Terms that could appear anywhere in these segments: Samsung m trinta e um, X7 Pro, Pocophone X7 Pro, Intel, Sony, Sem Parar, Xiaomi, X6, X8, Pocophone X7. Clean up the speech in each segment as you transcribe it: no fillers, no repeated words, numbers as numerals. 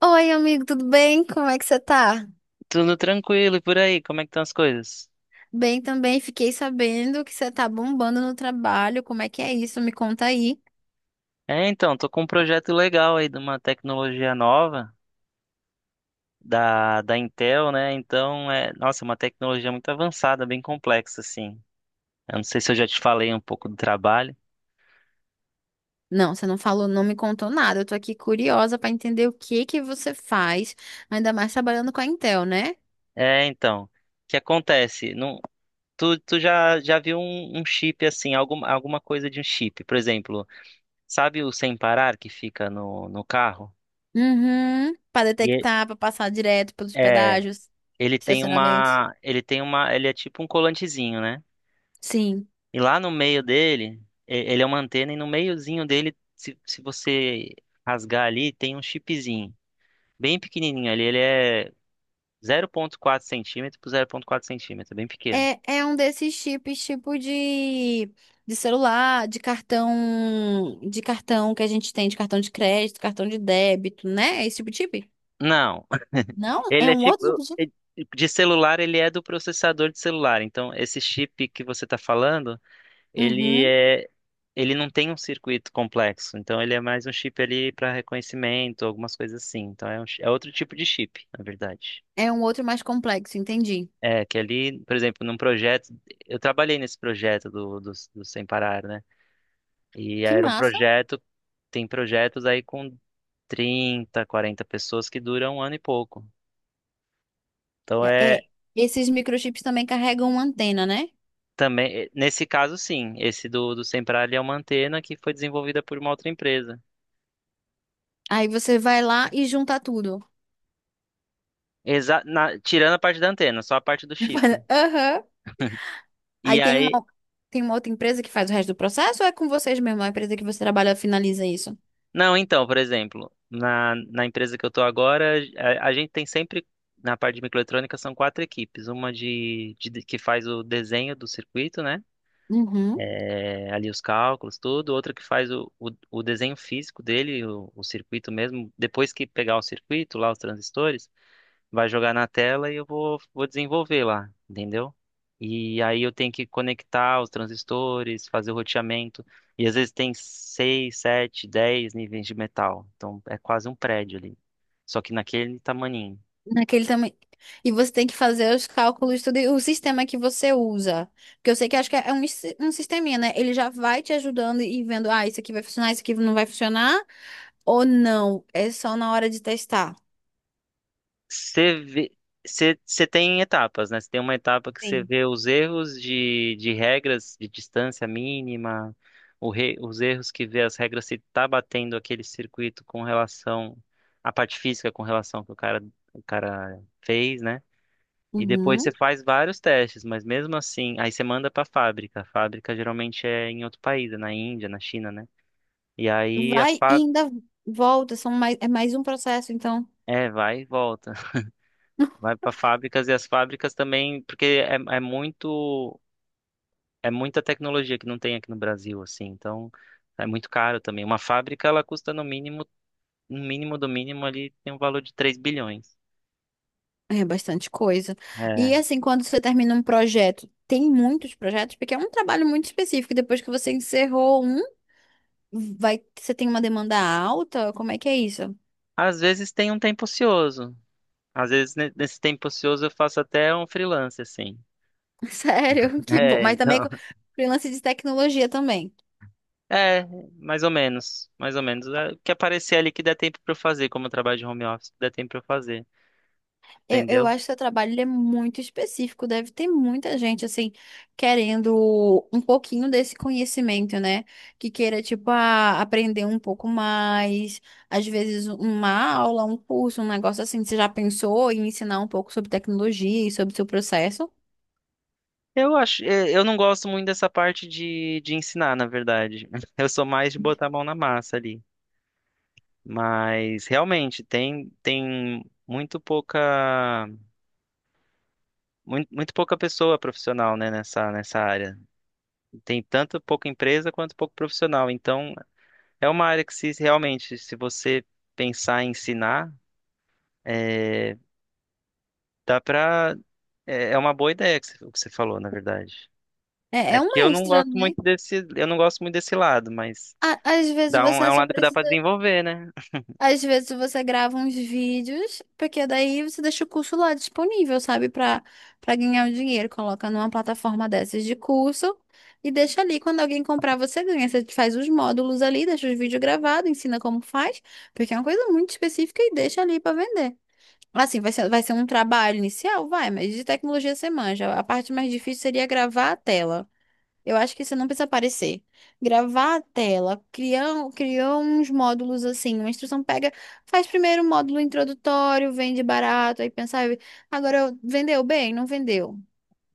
Oi, amigo, tudo bem? Como é que você tá? Tudo tranquilo e por aí, como é que estão as coisas? Bem também, fiquei sabendo que você tá bombando no trabalho. Como é que é isso? Me conta aí. É, então, tô com um projeto legal aí de uma tecnologia nova da Intel, né? Então, é, nossa, é uma tecnologia muito avançada, bem complexa, assim. Eu não sei se eu já te falei um pouco do trabalho. Não, você não falou, não me contou nada. Eu tô aqui curiosa pra entender o que que você faz, ainda mais trabalhando com a Intel, né? É, então, o que acontece? Não, tu já viu um chip, assim, alguma coisa de um chip. Por exemplo, sabe o sem parar que fica no carro? Uhum, para E detectar, pra passar direto pelos é, é, pedágios, ele tem estacionamentos. uma, ele tem uma, ele é tipo um colantezinho, né? Sim. E lá no meio dele, ele é uma antena, e no meiozinho dele, se você rasgar ali, tem um chipzinho. Bem pequenininho ali. Ele é zero vírgula quatro centímetro por zero vírgula quatro centímetro. É bem pequeno. É, é um desses chips, tipo de, celular, de cartão que a gente tem, de cartão de crédito, cartão de débito, né? É esse tipo de chip? Não, Não, ele é é um tipo. outro tipo de chip? É- De celular, ele é do processador de celular. Então, esse chip que você está falando, ele Uhum, é. Ele não tem um circuito complexo. Então, ele é mais um chip ali para reconhecimento, algumas coisas assim. Então, é, é outro tipo de chip, na verdade. é um outro mais complexo, entendi. É, que ali, por exemplo, num projeto, eu trabalhei nesse projeto do Sem Parar, né? E Que era um massa. projeto, tem projetos aí com 30, 40 pessoas que duram um ano e pouco. Então É, é é, esses microchips também carregam uma antena, né? também, eh, nesse caso sim, esse do Sem Parar ele é uma antena que foi desenvolvida por uma outra empresa. Aí você vai lá e junta tudo. Tirando a parte da antena, só a parte do chip. Aham. E Aí tem uma, aí tem uma outra empresa que faz o resto do processo ou é com vocês mesmo? É a empresa que você trabalha finaliza isso? não, então, por exemplo, na empresa que eu estou agora, a gente tem sempre, na parte de microeletrônica, são quatro equipes. Uma que faz o desenho do circuito, né? Uhum. É, ali os cálculos, tudo. Outra que faz o desenho físico dele, o circuito mesmo. Depois que pegar o circuito, lá os transistores vai jogar na tela e eu vou desenvolver lá, entendeu? E aí eu tenho que conectar os transistores, fazer o roteamento. E às vezes tem seis, sete, dez níveis de metal. Então é quase um prédio ali. Só que naquele tamaninho. Naquele também. E você tem que fazer os cálculos, tudo, e o sistema que você usa. Porque eu sei que acho que é um sisteminha, né? Ele já vai te ajudando e vendo, ah, isso aqui vai funcionar, isso aqui não vai funcionar, ou não. É só na hora de testar. Você vê, você tem etapas, né? Você tem uma etapa que você Sim. vê os erros de regras de distância mínima, os erros que vê as regras se tá batendo aquele circuito com relação à parte física, com relação ao que o cara fez, né? E depois você Uhum. faz vários testes, mas mesmo assim, aí você manda para a fábrica. A fábrica geralmente é em outro país, é na Índia, na China, né? E aí a Vai e fábrica. ainda volta, é mais um processo, então É, vai e volta. Vai para fábricas e as fábricas também, porque é, é muito é muita tecnologia que não tem aqui no Brasil, assim. Então é muito caro também. Uma fábrica ela custa no mínimo, no mínimo do mínimo ali tem um valor de 3 bilhões. é bastante coisa. E É. assim, quando você termina um projeto, tem muitos projetos, porque é um trabalho muito específico. Depois que você encerrou um, vai, você tem uma demanda alta? Como é que é isso? Às vezes tem um tempo ocioso. Às vezes nesse tempo ocioso eu faço até um freelance assim. Sério, que bom. É, Mas também então. Freelance de tecnologia também. É, mais ou menos, mais ou menos. É, o que aparecer ali que der tempo para eu fazer, como eu trabalho de home office, que der tempo para eu fazer, Eu entendeu? acho que seu trabalho ele é muito específico. Deve ter muita gente, assim, querendo um pouquinho desse conhecimento, né? Que queira, tipo, ah, aprender um pouco mais. Às vezes, uma aula, um curso, um negócio assim. Você já pensou em ensinar um pouco sobre tecnologia e sobre o seu processo? Eu acho, é, eu não gosto muito dessa parte de ensinar, na verdade. Eu sou mais de botar a mão na massa ali. Mas realmente tem tem muito pouca muito, muito pouca pessoa profissional, né, nessa área. Tem tanto pouca empresa quanto pouco profissional. Então, é uma área que se realmente, se você pensar em ensinar, é, dá pra é, é uma boa ideia o que você falou, na verdade. É, É é um que eu não extra, gosto né? muito desse, eu não gosto muito desse lado, mas Às vezes dá um, é você um só lado que dá pra precisa. desenvolver, né? Às vezes você grava uns vídeos, porque daí você deixa o curso lá disponível, sabe? Pra ganhar o dinheiro. Coloca numa plataforma dessas de curso e deixa ali. Quando alguém comprar, você ganha. Você faz os módulos ali, deixa os vídeos gravados, ensina como faz, porque é uma coisa muito específica e deixa ali pra vender. Assim, vai ser um trabalho inicial? Vai, mas de tecnologia você manja. A parte mais difícil seria gravar a tela. Eu acho que você não precisa aparecer. Gravar a tela, criou uns módulos assim, uma instrução pega, faz primeiro um módulo introdutório, vende barato, aí pensar agora vendeu bem, não vendeu. O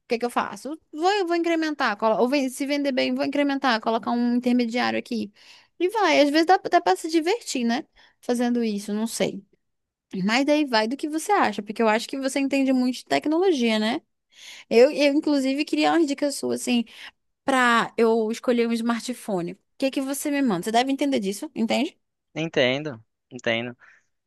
que que eu faço? Eu vou incrementar, se vender bem, vou incrementar, colocar um intermediário aqui. E vai, às vezes dá para se divertir, né? Fazendo isso, não sei. Mas daí vai do que você acha, porque eu acho que você entende muito de tecnologia, né? Eu inclusive, queria umas dicas suas, assim, pra eu escolher um smartphone. O que que você me manda? Você deve entender disso, entende? Entendo, entendo.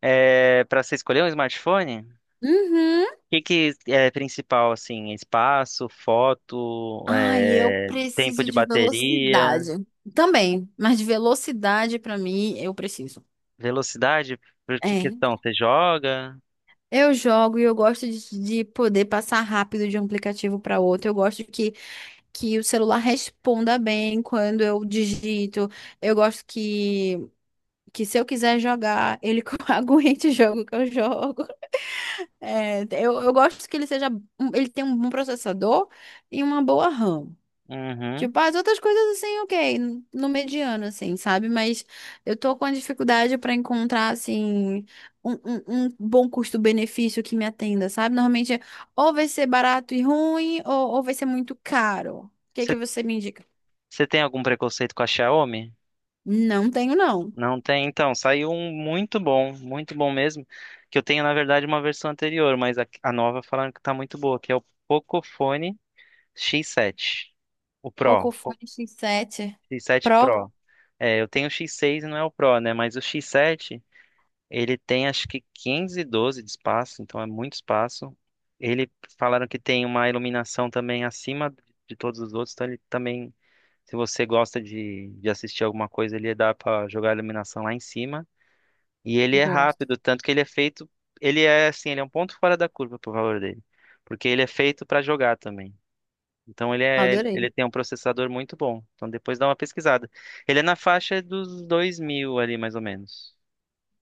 É, para você escolher um smartphone, o Uhum. que que é principal, assim, espaço, foto, Ai, eu é, tempo preciso de de bateria, velocidade. Também, mas de velocidade pra mim eu preciso. velocidade, por que É. questão? Você joga? Eu jogo e eu gosto de poder passar rápido de um aplicativo para outro. Eu gosto que o celular responda bem quando eu digito. Eu gosto que se eu quiser jogar, ele aguente o jogo que eu jogo. É, eu gosto que ele seja. Ele tem um bom processador e uma boa RAM. Uhum. Tipo, as outras coisas assim, ok, no mediano, assim, sabe? Mas eu tô com a dificuldade pra encontrar, assim, um bom custo-benefício que me atenda, sabe? Normalmente, é, ou vai ser barato e ruim, ou vai ser muito caro. O que Você, que você me indica? você tem algum preconceito com a Xiaomi? Não tenho, não. Não tem? Então, saiu um muito bom mesmo, que eu tenho, na verdade, uma versão anterior, mas a nova falando que tá muito boa, que é o Pocophone X7. O Pro. Pocophone X7 X7 Pro, Pro. É, eu tenho o X6 e não é o Pro, né? Mas o X7, ele tem acho que 512 de espaço, então é muito espaço. Ele falaram que tem uma iluminação também acima de todos os outros, então ele também, se você gosta de assistir alguma coisa, ele dá pra jogar a iluminação lá em cima. E ele é gosto. rápido, tanto que ele é feito, ele é assim, ele é um ponto fora da curva pro valor dele, porque ele é feito pra jogar também. Então ele é, Adorei. ele tem um processador muito bom. Então depois dá uma pesquisada. Ele é na faixa dos 2000 ali, mais ou menos.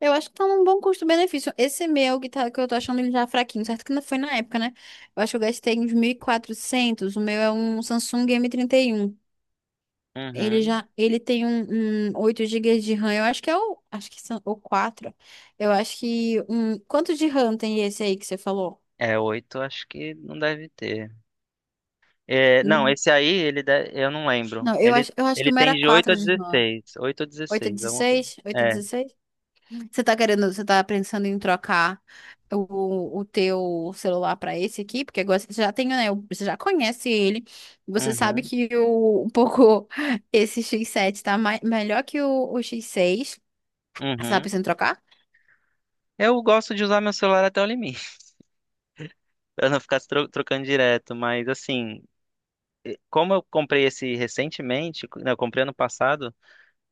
Eu acho que tá num bom custo-benefício. Esse meu que, tá, que eu tô achando ele já fraquinho, certo que não foi na época, né? Eu acho que eu gastei uns 1.400. O meu é um Samsung M trinta e um. Ele Uhum. já, ele tem um 8 GB de RAM. Eu acho que é acho que são o quatro. Eu acho que quanto de RAM tem esse aí que você falou? É, 8 acho que não deve ter. É, não, Não, esse aí, eu não lembro. não, eu Ele, acho, eu acho que ele o meu tem era de 8 a 4 de RAM. 16. 8 a Oito é 16. Alguma coisa. 16? 8 é É. 16? Você tá pensando em trocar o teu celular pra esse aqui? Porque agora você já tem, né? Você já conhece ele. Você sabe Uhum. Um pouco esse X7 tá melhor que o X6. Você tá Uhum. pensando em trocar? Eu gosto de usar meu celular até o limite, pra não ficar trocando direto, mas assim, como eu comprei esse recentemente, não, eu comprei ano passado,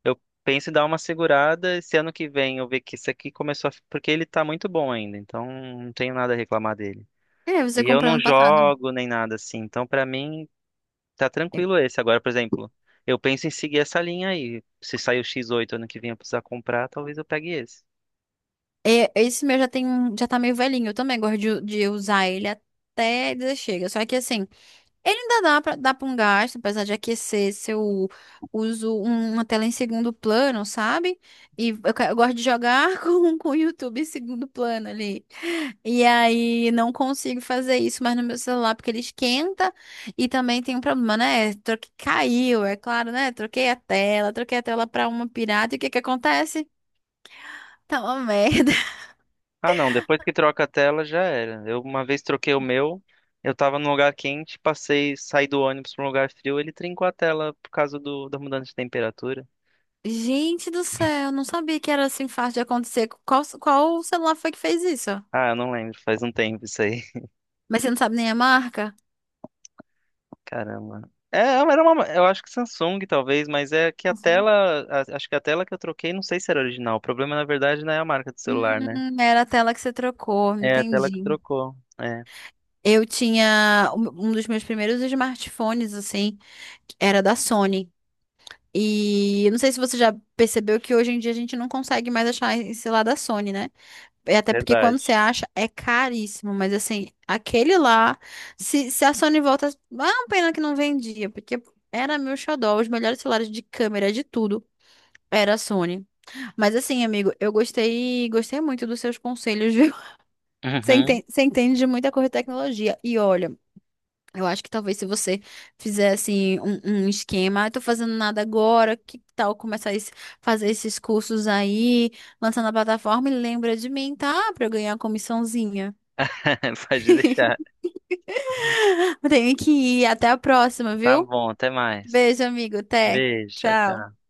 eu penso em dar uma segurada. Esse ano que vem eu ver que isso aqui começou a... Porque ele tá muito bom ainda, então não tenho nada a reclamar dele. É, você E eu comprou não ano passado. jogo nem nada assim, então pra mim tá Eu- tranquilo esse. Agora, por exemplo, eu penso em seguir essa linha aí. Se sair o X8 ano que vem eu precisar comprar, talvez eu pegue esse. é, esse meu já tá meio velhinho. Eu também gosto de usar ele até dizer chega. Só que assim. Ele ainda dá pra dar pra um gasto, apesar de aquecer se eu uso uma tela em segundo plano, sabe? E eu gosto de jogar com o YouTube em segundo plano ali. E aí não consigo fazer isso mais no meu celular, porque ele esquenta e também tem um problema, né? Troque, caiu, é claro, né? Troquei a tela pra uma pirata e o que que acontece? Tá uma merda. Ah, não, depois que troca a tela já era. Eu uma vez troquei o meu, eu tava num lugar quente, passei, saí do ônibus pra um lugar frio, ele trincou a tela por causa da mudança de temperatura. Gente do céu, não sabia que era assim fácil de acontecer. Qual celular foi que fez isso? Ah, eu não lembro, faz um tempo isso aí. Mas você não sabe nem a marca? Caramba. É, era uma, eu acho que Samsung talvez, mas é que Uhum. Acho que a tela que eu troquei, não sei se era original. O problema na verdade não é a marca do celular, né? Era a tela que você trocou, É a tela que entendi. trocou. É, Eu tinha um dos meus primeiros smartphones, assim, que era da Sony. E eu não sei se você já percebeu que hoje em dia a gente não consegue mais achar esse lá da Sony, né? É. Até porque quando verdade. você acha é caríssimo, mas assim, aquele lá, se a Sony volta, ah, uma pena que não vendia, porque era meu xodó, os melhores celulares de câmera, de tudo, era a Sony. Mas assim, amigo, eu gostei, muito dos seus conselhos. Você Uhum. entende, você entende de muita coisa de tecnologia. E olha, eu acho que talvez se você fizesse um esquema, ah, tô fazendo nada agora, que tal começar a fazer esses cursos aí, lançar na plataforma e lembra de mim, tá? Pra eu ganhar uma comissãozinha. Pode deixar. Eu tenho que ir. Até a próxima, Tá viu? bom, até mais. Beijo, amigo. Até. Beijo, tchau, Tchau. tchau.